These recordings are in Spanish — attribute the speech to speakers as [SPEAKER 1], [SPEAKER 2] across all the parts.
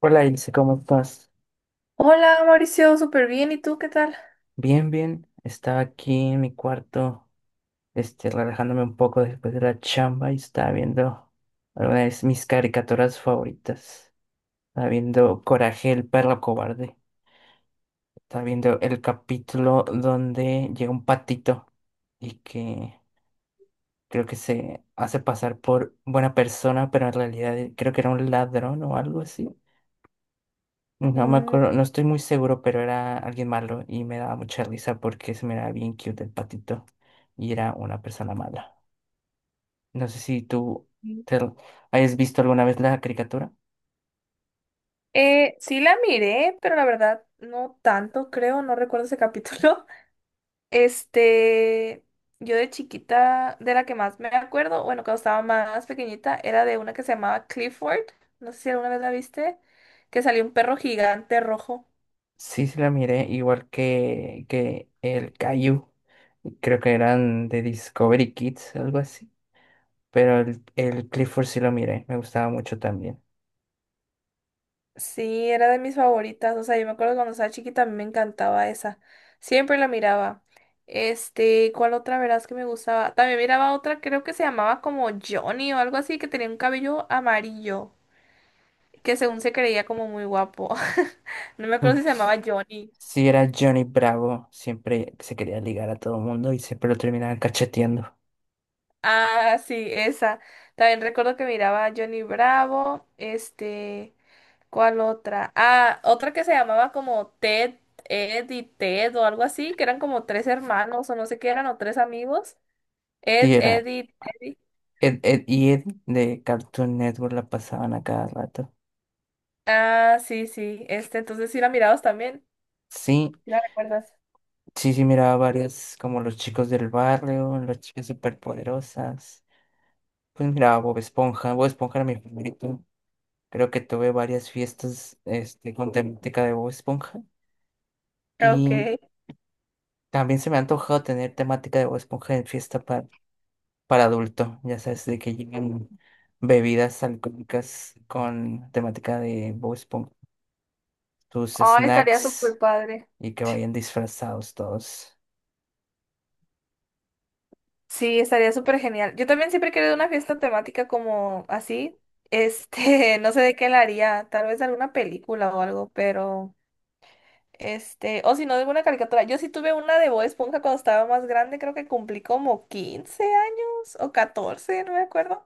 [SPEAKER 1] Hola Ilse, ¿cómo estás?
[SPEAKER 2] Hola Mauricio, súper bien. ¿Y tú qué tal?
[SPEAKER 1] Bien, bien. Estaba aquí en mi cuarto, relajándome un poco después de la chamba y estaba viendo algunas de mis caricaturas favoritas. Estaba viendo Coraje, el perro cobarde. Estaba viendo el capítulo donde llega un patito y que creo que se hace pasar por buena persona, pero en realidad creo que era un ladrón o algo así. No me
[SPEAKER 2] Mm,
[SPEAKER 1] acuerdo, no estoy muy seguro, pero era alguien malo y me daba mucha risa porque se me era bien cute el patito y era una persona mala. No sé si
[SPEAKER 2] mm.
[SPEAKER 1] te, hayas visto alguna vez la caricatura.
[SPEAKER 2] Sí la miré, pero la verdad no tanto, creo, no recuerdo ese capítulo. Este, yo de chiquita, de la que más me acuerdo, bueno, cuando estaba más pequeñita, era de una que se llamaba Clifford, no sé si alguna vez la viste, que salió un perro gigante rojo.
[SPEAKER 1] Sí, sí la miré, igual que el Caillou. Creo que eran de Discovery Kids, algo así. Pero el Clifford sí lo miré, me gustaba mucho también.
[SPEAKER 2] Sí, era de mis favoritas. O sea, yo me acuerdo cuando estaba chiquita, a mí me encantaba esa. Siempre la miraba. Este, ¿cuál otra verás que me gustaba? También miraba otra, creo que se llamaba como Johnny o algo así, que tenía un cabello amarillo, que según se creía como muy guapo. No me
[SPEAKER 1] Mm,
[SPEAKER 2] acuerdo si se
[SPEAKER 1] s-
[SPEAKER 2] llamaba Johnny.
[SPEAKER 1] Sí, era Johnny Bravo, siempre se quería ligar a todo el mundo y siempre lo terminaban cacheteando.
[SPEAKER 2] Ah, sí, esa. También recuerdo que miraba a Johnny Bravo, este. ¿Cuál otra? Ah, otra que se llamaba como Ted, Ed y Ted o algo así, que eran como tres hermanos o no sé qué eran, o tres amigos.
[SPEAKER 1] Sí,
[SPEAKER 2] Ed,
[SPEAKER 1] era,
[SPEAKER 2] Ed y Teddy.
[SPEAKER 1] Ed, Ed y Ed de Cartoon Network la pasaban a cada rato.
[SPEAKER 2] Ah, sí, sí. Este, entonces sí la mirabas también.
[SPEAKER 1] Sí,
[SPEAKER 2] ¿Sí la recuerdas?
[SPEAKER 1] sí, sí, miraba varias, como los chicos del barrio, las chicas superpoderosas. Pues miraba Bob Esponja, Bob Esponja era mi favorito. Creo que tuve varias fiestas con temática de Bob Esponja. Y
[SPEAKER 2] Ok.
[SPEAKER 1] también se me ha antojado tener temática de Bob Esponja en fiesta para adulto. Ya sabes, de que llegan bebidas alcohólicas con temática de Bob Esponja. Tus
[SPEAKER 2] Oh, estaría
[SPEAKER 1] snacks,
[SPEAKER 2] súper padre.
[SPEAKER 1] y que vayan disfrazados todos.
[SPEAKER 2] Sí, estaría súper genial. Yo también siempre he querido una fiesta temática como así. Este, no sé de qué la haría. Tal vez alguna película o algo, pero. Este, o si no, alguna caricatura. Yo sí tuve una de Bob Esponja cuando estaba más grande, creo que cumplí como 15 años o 14 no me acuerdo.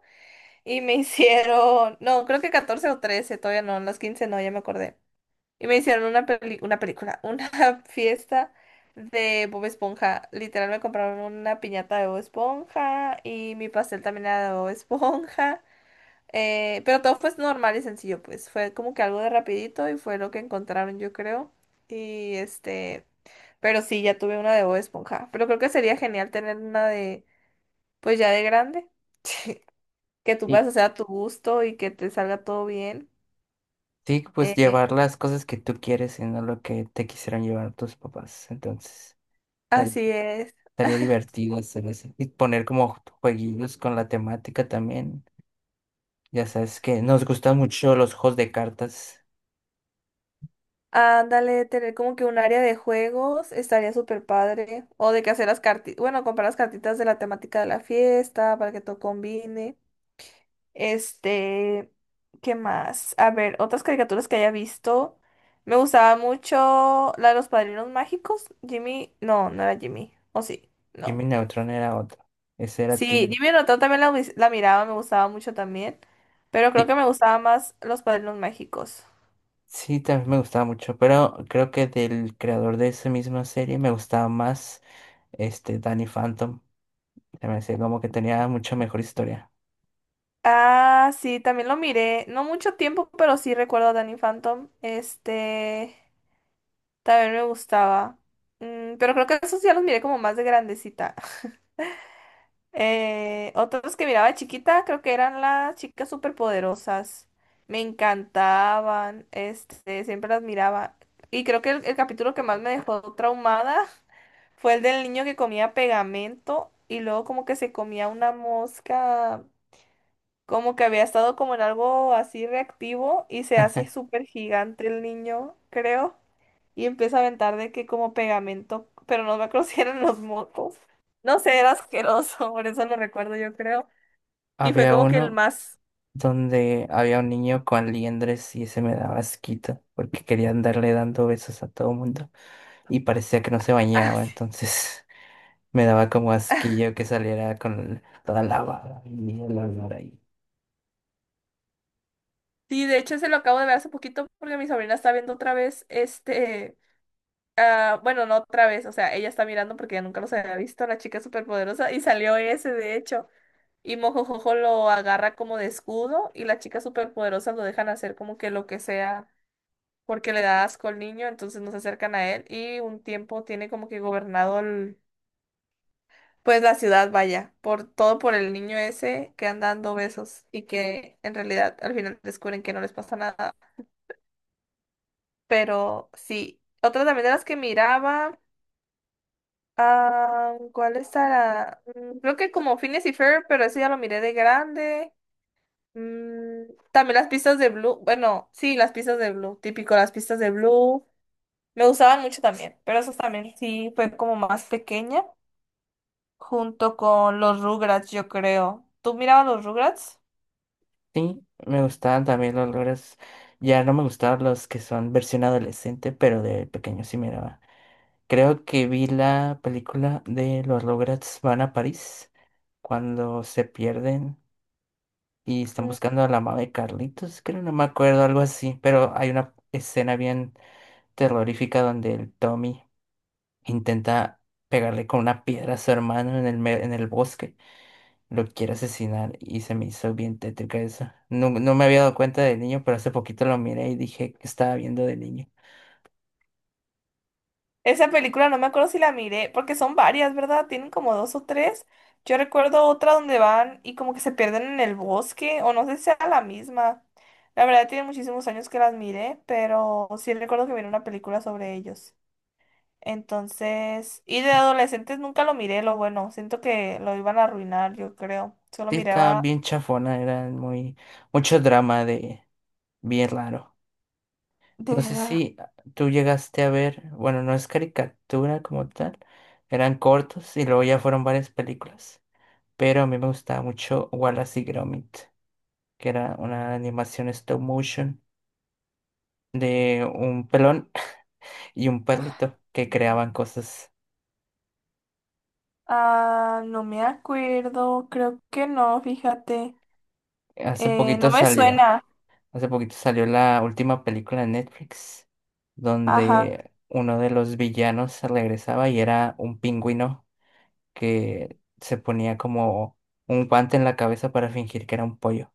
[SPEAKER 2] Y me hicieron, no, creo que 14 o 13 todavía no, en los 15 no, ya me acordé. Y me hicieron una película, una fiesta de Bob Esponja. Literal me compraron una piñata de Bob Esponja y mi pastel también era de Bob Esponja. Pero todo fue normal y sencillo, pues fue como que algo de rapidito y fue lo que encontraron, yo creo. Y este, pero sí, ya tuve una de Bob Esponja. Pero creo que sería genial tener una de, pues ya de grande. Que tú
[SPEAKER 1] Y
[SPEAKER 2] puedas hacer a tu gusto y que te salga todo bien.
[SPEAKER 1] sí, pues
[SPEAKER 2] Eh,
[SPEAKER 1] llevar las cosas que tú quieres y no lo que te quisieron llevar tus papás. Entonces, tal-
[SPEAKER 2] así es.
[SPEAKER 1] estaría divertido hacer eso. Y poner como jueguitos con la temática también. Ya sabes que nos gustan mucho los juegos de cartas.
[SPEAKER 2] Ándale, tener como que un área de juegos estaría súper padre. O de que hacer las cartitas, bueno, comprar las cartitas de la temática de la fiesta para que todo combine. Este, ¿qué más? A ver, otras caricaturas que haya visto. Me gustaba mucho la de los padrinos mágicos. Jimmy, no, no era Jimmy. ¿O sí? No.
[SPEAKER 1] Jimmy Neutron era otro. Ese era
[SPEAKER 2] Sí,
[SPEAKER 1] Tim.
[SPEAKER 2] Jimmy Neutron también la miraba, me gustaba mucho también. Pero creo
[SPEAKER 1] Y
[SPEAKER 2] que me gustaba más los padrinos mágicos.
[SPEAKER 1] Sí, también me gustaba mucho, pero creo que del creador de esa misma serie me gustaba más Danny Phantom. Se me hacía como que tenía mucha mejor historia.
[SPEAKER 2] Ah, sí, también lo miré. No mucho tiempo, pero sí recuerdo a Danny Phantom. Este, también me gustaba. Mm, pero creo que esos ya los miré como más de grandecita. Otros que miraba de chiquita, creo que eran las chicas superpoderosas. Me encantaban, este, siempre las miraba. Y creo que el capítulo que más me dejó traumada fue el del niño que comía pegamento y luego como que se comía una mosca, como que había estado como en algo así reactivo y se hace súper gigante el niño, creo, y empieza a aventar de que como pegamento, pero no me acuerdo si eran los mocos. No sé, era asqueroso, por eso lo recuerdo yo creo. Y fue
[SPEAKER 1] Había
[SPEAKER 2] como que el
[SPEAKER 1] uno
[SPEAKER 2] más...
[SPEAKER 1] donde había un niño con liendres y ese me daba asquito porque quería andarle dando besos a todo mundo y parecía que no se
[SPEAKER 2] Ah,
[SPEAKER 1] bañaba,
[SPEAKER 2] sí.
[SPEAKER 1] entonces me daba como asquillo que saliera con toda la baba y el olor ahí.
[SPEAKER 2] Sí, de hecho se lo acabo de ver hace poquito porque mi sobrina está viendo otra vez este, ah, bueno, no otra vez, o sea, ella está mirando porque ya nunca los había visto, la chica superpoderosa, y salió ese, de hecho, y Mojojojo lo agarra como de escudo y la chica superpoderosa lo dejan hacer como que lo que sea porque le da asco al niño, entonces no se acercan a él y un tiempo tiene como que gobernado el Pues la ciudad, vaya, por todo por el niño ese que anda dando besos y que en realidad al final descubren que no les pasa nada. Pero sí, otra también de las que miraba, ah, ¿cuál estará? Creo que como Phineas y Ferb, pero eso ya lo miré de grande. Mm, también las pistas de Blue, bueno, sí, las pistas de Blue, típico, las pistas de Blue. Me gustaban mucho también, pero eso también sí fue como más pequeña, junto con los Rugrats, yo creo. ¿Tú mirabas los Rugrats?
[SPEAKER 1] Sí, me gustaban también los olores, ya no me gustaban los que son versión adolescente, pero de pequeño sí me daba. Creo que vi la película de los Rugrats van a París cuando se pierden y están buscando a la mamá de Carlitos, creo, no me acuerdo, algo así, pero hay una escena bien terrorífica donde el Tommy intenta pegarle con una piedra a su hermano en en el bosque, lo quiere asesinar y se me hizo bien tétrica eso. No, no me había dado cuenta de niño, pero hace poquito lo miré y dije que estaba viendo de niño.
[SPEAKER 2] Esa película no me acuerdo si la miré, porque son varias, ¿verdad? Tienen como dos o tres. Yo recuerdo otra donde van y como que se pierden en el bosque, o no sé si sea la misma. La verdad, tiene muchísimos años que las miré, pero sí recuerdo que miré una película sobre ellos. Entonces, y de adolescentes nunca lo miré, lo bueno, siento que lo iban a arruinar, yo creo. Solo
[SPEAKER 1] Sí, estaba
[SPEAKER 2] miraba
[SPEAKER 1] bien chafona, era mucho drama de bien raro.
[SPEAKER 2] de
[SPEAKER 1] No sé
[SPEAKER 2] raro.
[SPEAKER 1] si tú llegaste a ver, bueno, no es caricatura como tal, eran cortos y luego ya fueron varias películas, pero a mí me gustaba mucho Wallace y Gromit, que era una animación stop motion de un pelón y un perrito que creaban cosas.
[SPEAKER 2] Ah, no me acuerdo, creo que no, fíjate.
[SPEAKER 1] Hace
[SPEAKER 2] No
[SPEAKER 1] poquito
[SPEAKER 2] me
[SPEAKER 1] salió,
[SPEAKER 2] suena.
[SPEAKER 1] Hace poquito salió la última película de Netflix,
[SPEAKER 2] Ajá,
[SPEAKER 1] donde uno de los villanos regresaba y era un pingüino que se ponía como un guante en la cabeza para fingir que era un pollo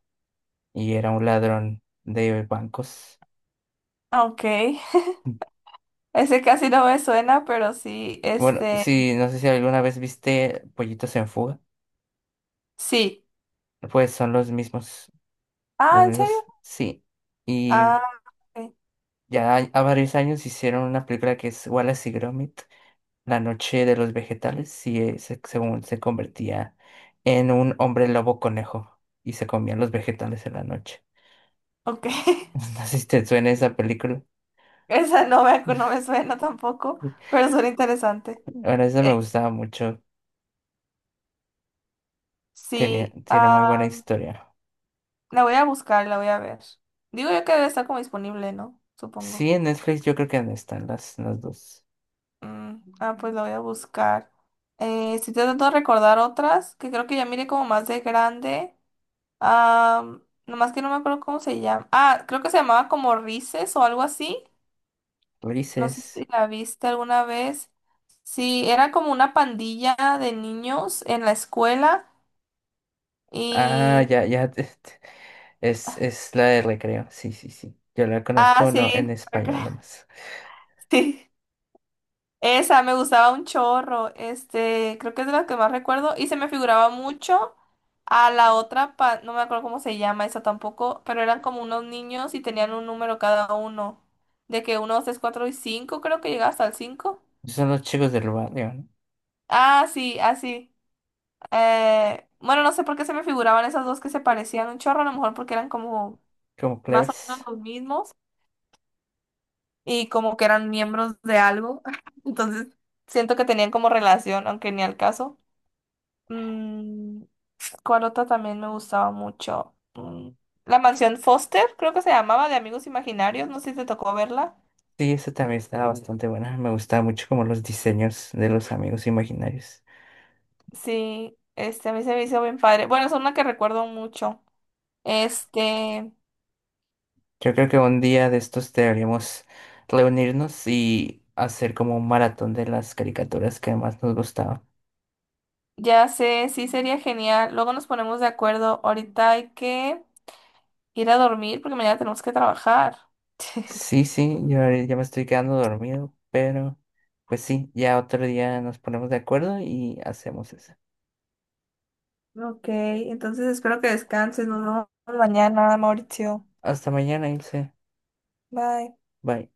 [SPEAKER 1] y era un ladrón de bancos.
[SPEAKER 2] ah, ok. Ese casi no me suena, pero sí,
[SPEAKER 1] Bueno,
[SPEAKER 2] este,
[SPEAKER 1] sí, no sé si alguna vez viste Pollitos en Fuga,
[SPEAKER 2] sí.
[SPEAKER 1] pues son los
[SPEAKER 2] Ah, ¿en
[SPEAKER 1] mismos,
[SPEAKER 2] serio?
[SPEAKER 1] Sí. Y
[SPEAKER 2] Ah, ok.
[SPEAKER 1] ya a varios años hicieron una película que es Wallace y Gromit, La noche de los vegetales, y según se convertía en un hombre lobo conejo y se comían los vegetales en la noche.
[SPEAKER 2] Ok.
[SPEAKER 1] No sé si te suena esa película.
[SPEAKER 2] Esa no me, no me suena tampoco, pero suena interesante.
[SPEAKER 1] Bueno, esa me
[SPEAKER 2] Es-
[SPEAKER 1] gustaba mucho.
[SPEAKER 2] Sí,
[SPEAKER 1] Tiene
[SPEAKER 2] ah,
[SPEAKER 1] muy buena historia.
[SPEAKER 2] la voy a buscar, la voy a ver. Digo yo que debe estar como disponible, ¿no? Supongo.
[SPEAKER 1] Sí, en Netflix yo creo que están las dos.
[SPEAKER 2] Mm, ah, pues la voy a buscar. Estoy tratando de recordar otras que creo que ya miré como más de grande. Ah, nomás que no me acuerdo cómo se llama. Ah, creo que se llamaba como Rices o algo así. No
[SPEAKER 1] Ulises.
[SPEAKER 2] sé si la viste alguna vez. Sí, era como una pandilla de niños en la escuela
[SPEAKER 1] Ah, ya,
[SPEAKER 2] y...
[SPEAKER 1] ya. Es la de Recreo. Sí, sí, sí. Yo la
[SPEAKER 2] Ah,
[SPEAKER 1] conozco, no, en
[SPEAKER 2] sí,
[SPEAKER 1] español nomás.
[SPEAKER 2] sí. Esa me gustaba un chorro. Este, creo que es de las que más recuerdo y se me figuraba mucho a la otra, no me acuerdo cómo se llama esa tampoco, pero eran como unos niños y tenían un número cada uno. De que uno, dos, tres, cuatro y cinco, creo que llegaba hasta el cinco.
[SPEAKER 1] Son los chicos del barrio, ¿no?
[SPEAKER 2] Ah, sí, así. Bueno, no sé por qué se me figuraban esas dos que se parecían un chorro, a lo mejor porque eran como
[SPEAKER 1] Como
[SPEAKER 2] más o menos
[SPEAKER 1] plebes.
[SPEAKER 2] los mismos y como que eran miembros de algo. Entonces, siento que tenían como relación, aunque ni al caso. Mm, ¿Cuál otra también me gustaba mucho? La mansión Foster, creo que se llamaba, de Amigos Imaginarios, no sé si te tocó verla.
[SPEAKER 1] Sí, eso también estaba bastante buena. Me gustaba mucho como los diseños de los amigos imaginarios.
[SPEAKER 2] Sí, este, a mí se me hizo bien padre. Bueno, es una que recuerdo mucho. Este.
[SPEAKER 1] Yo creo que un día de estos deberíamos reunirnos y hacer como un maratón de las caricaturas que más nos gustaban.
[SPEAKER 2] Ya sé, sí sería genial. Luego nos ponemos de acuerdo. Ahorita hay que ir a dormir porque mañana tenemos que trabajar.
[SPEAKER 1] Sí, sí, yo ahorita ya me estoy quedando dormido, pero pues sí, ya otro día nos ponemos de acuerdo y hacemos eso.
[SPEAKER 2] Ok, entonces espero que descanses. Nos vemos mañana, Mauricio.
[SPEAKER 1] Hasta mañana, Ilse.
[SPEAKER 2] Bye.
[SPEAKER 1] Bye.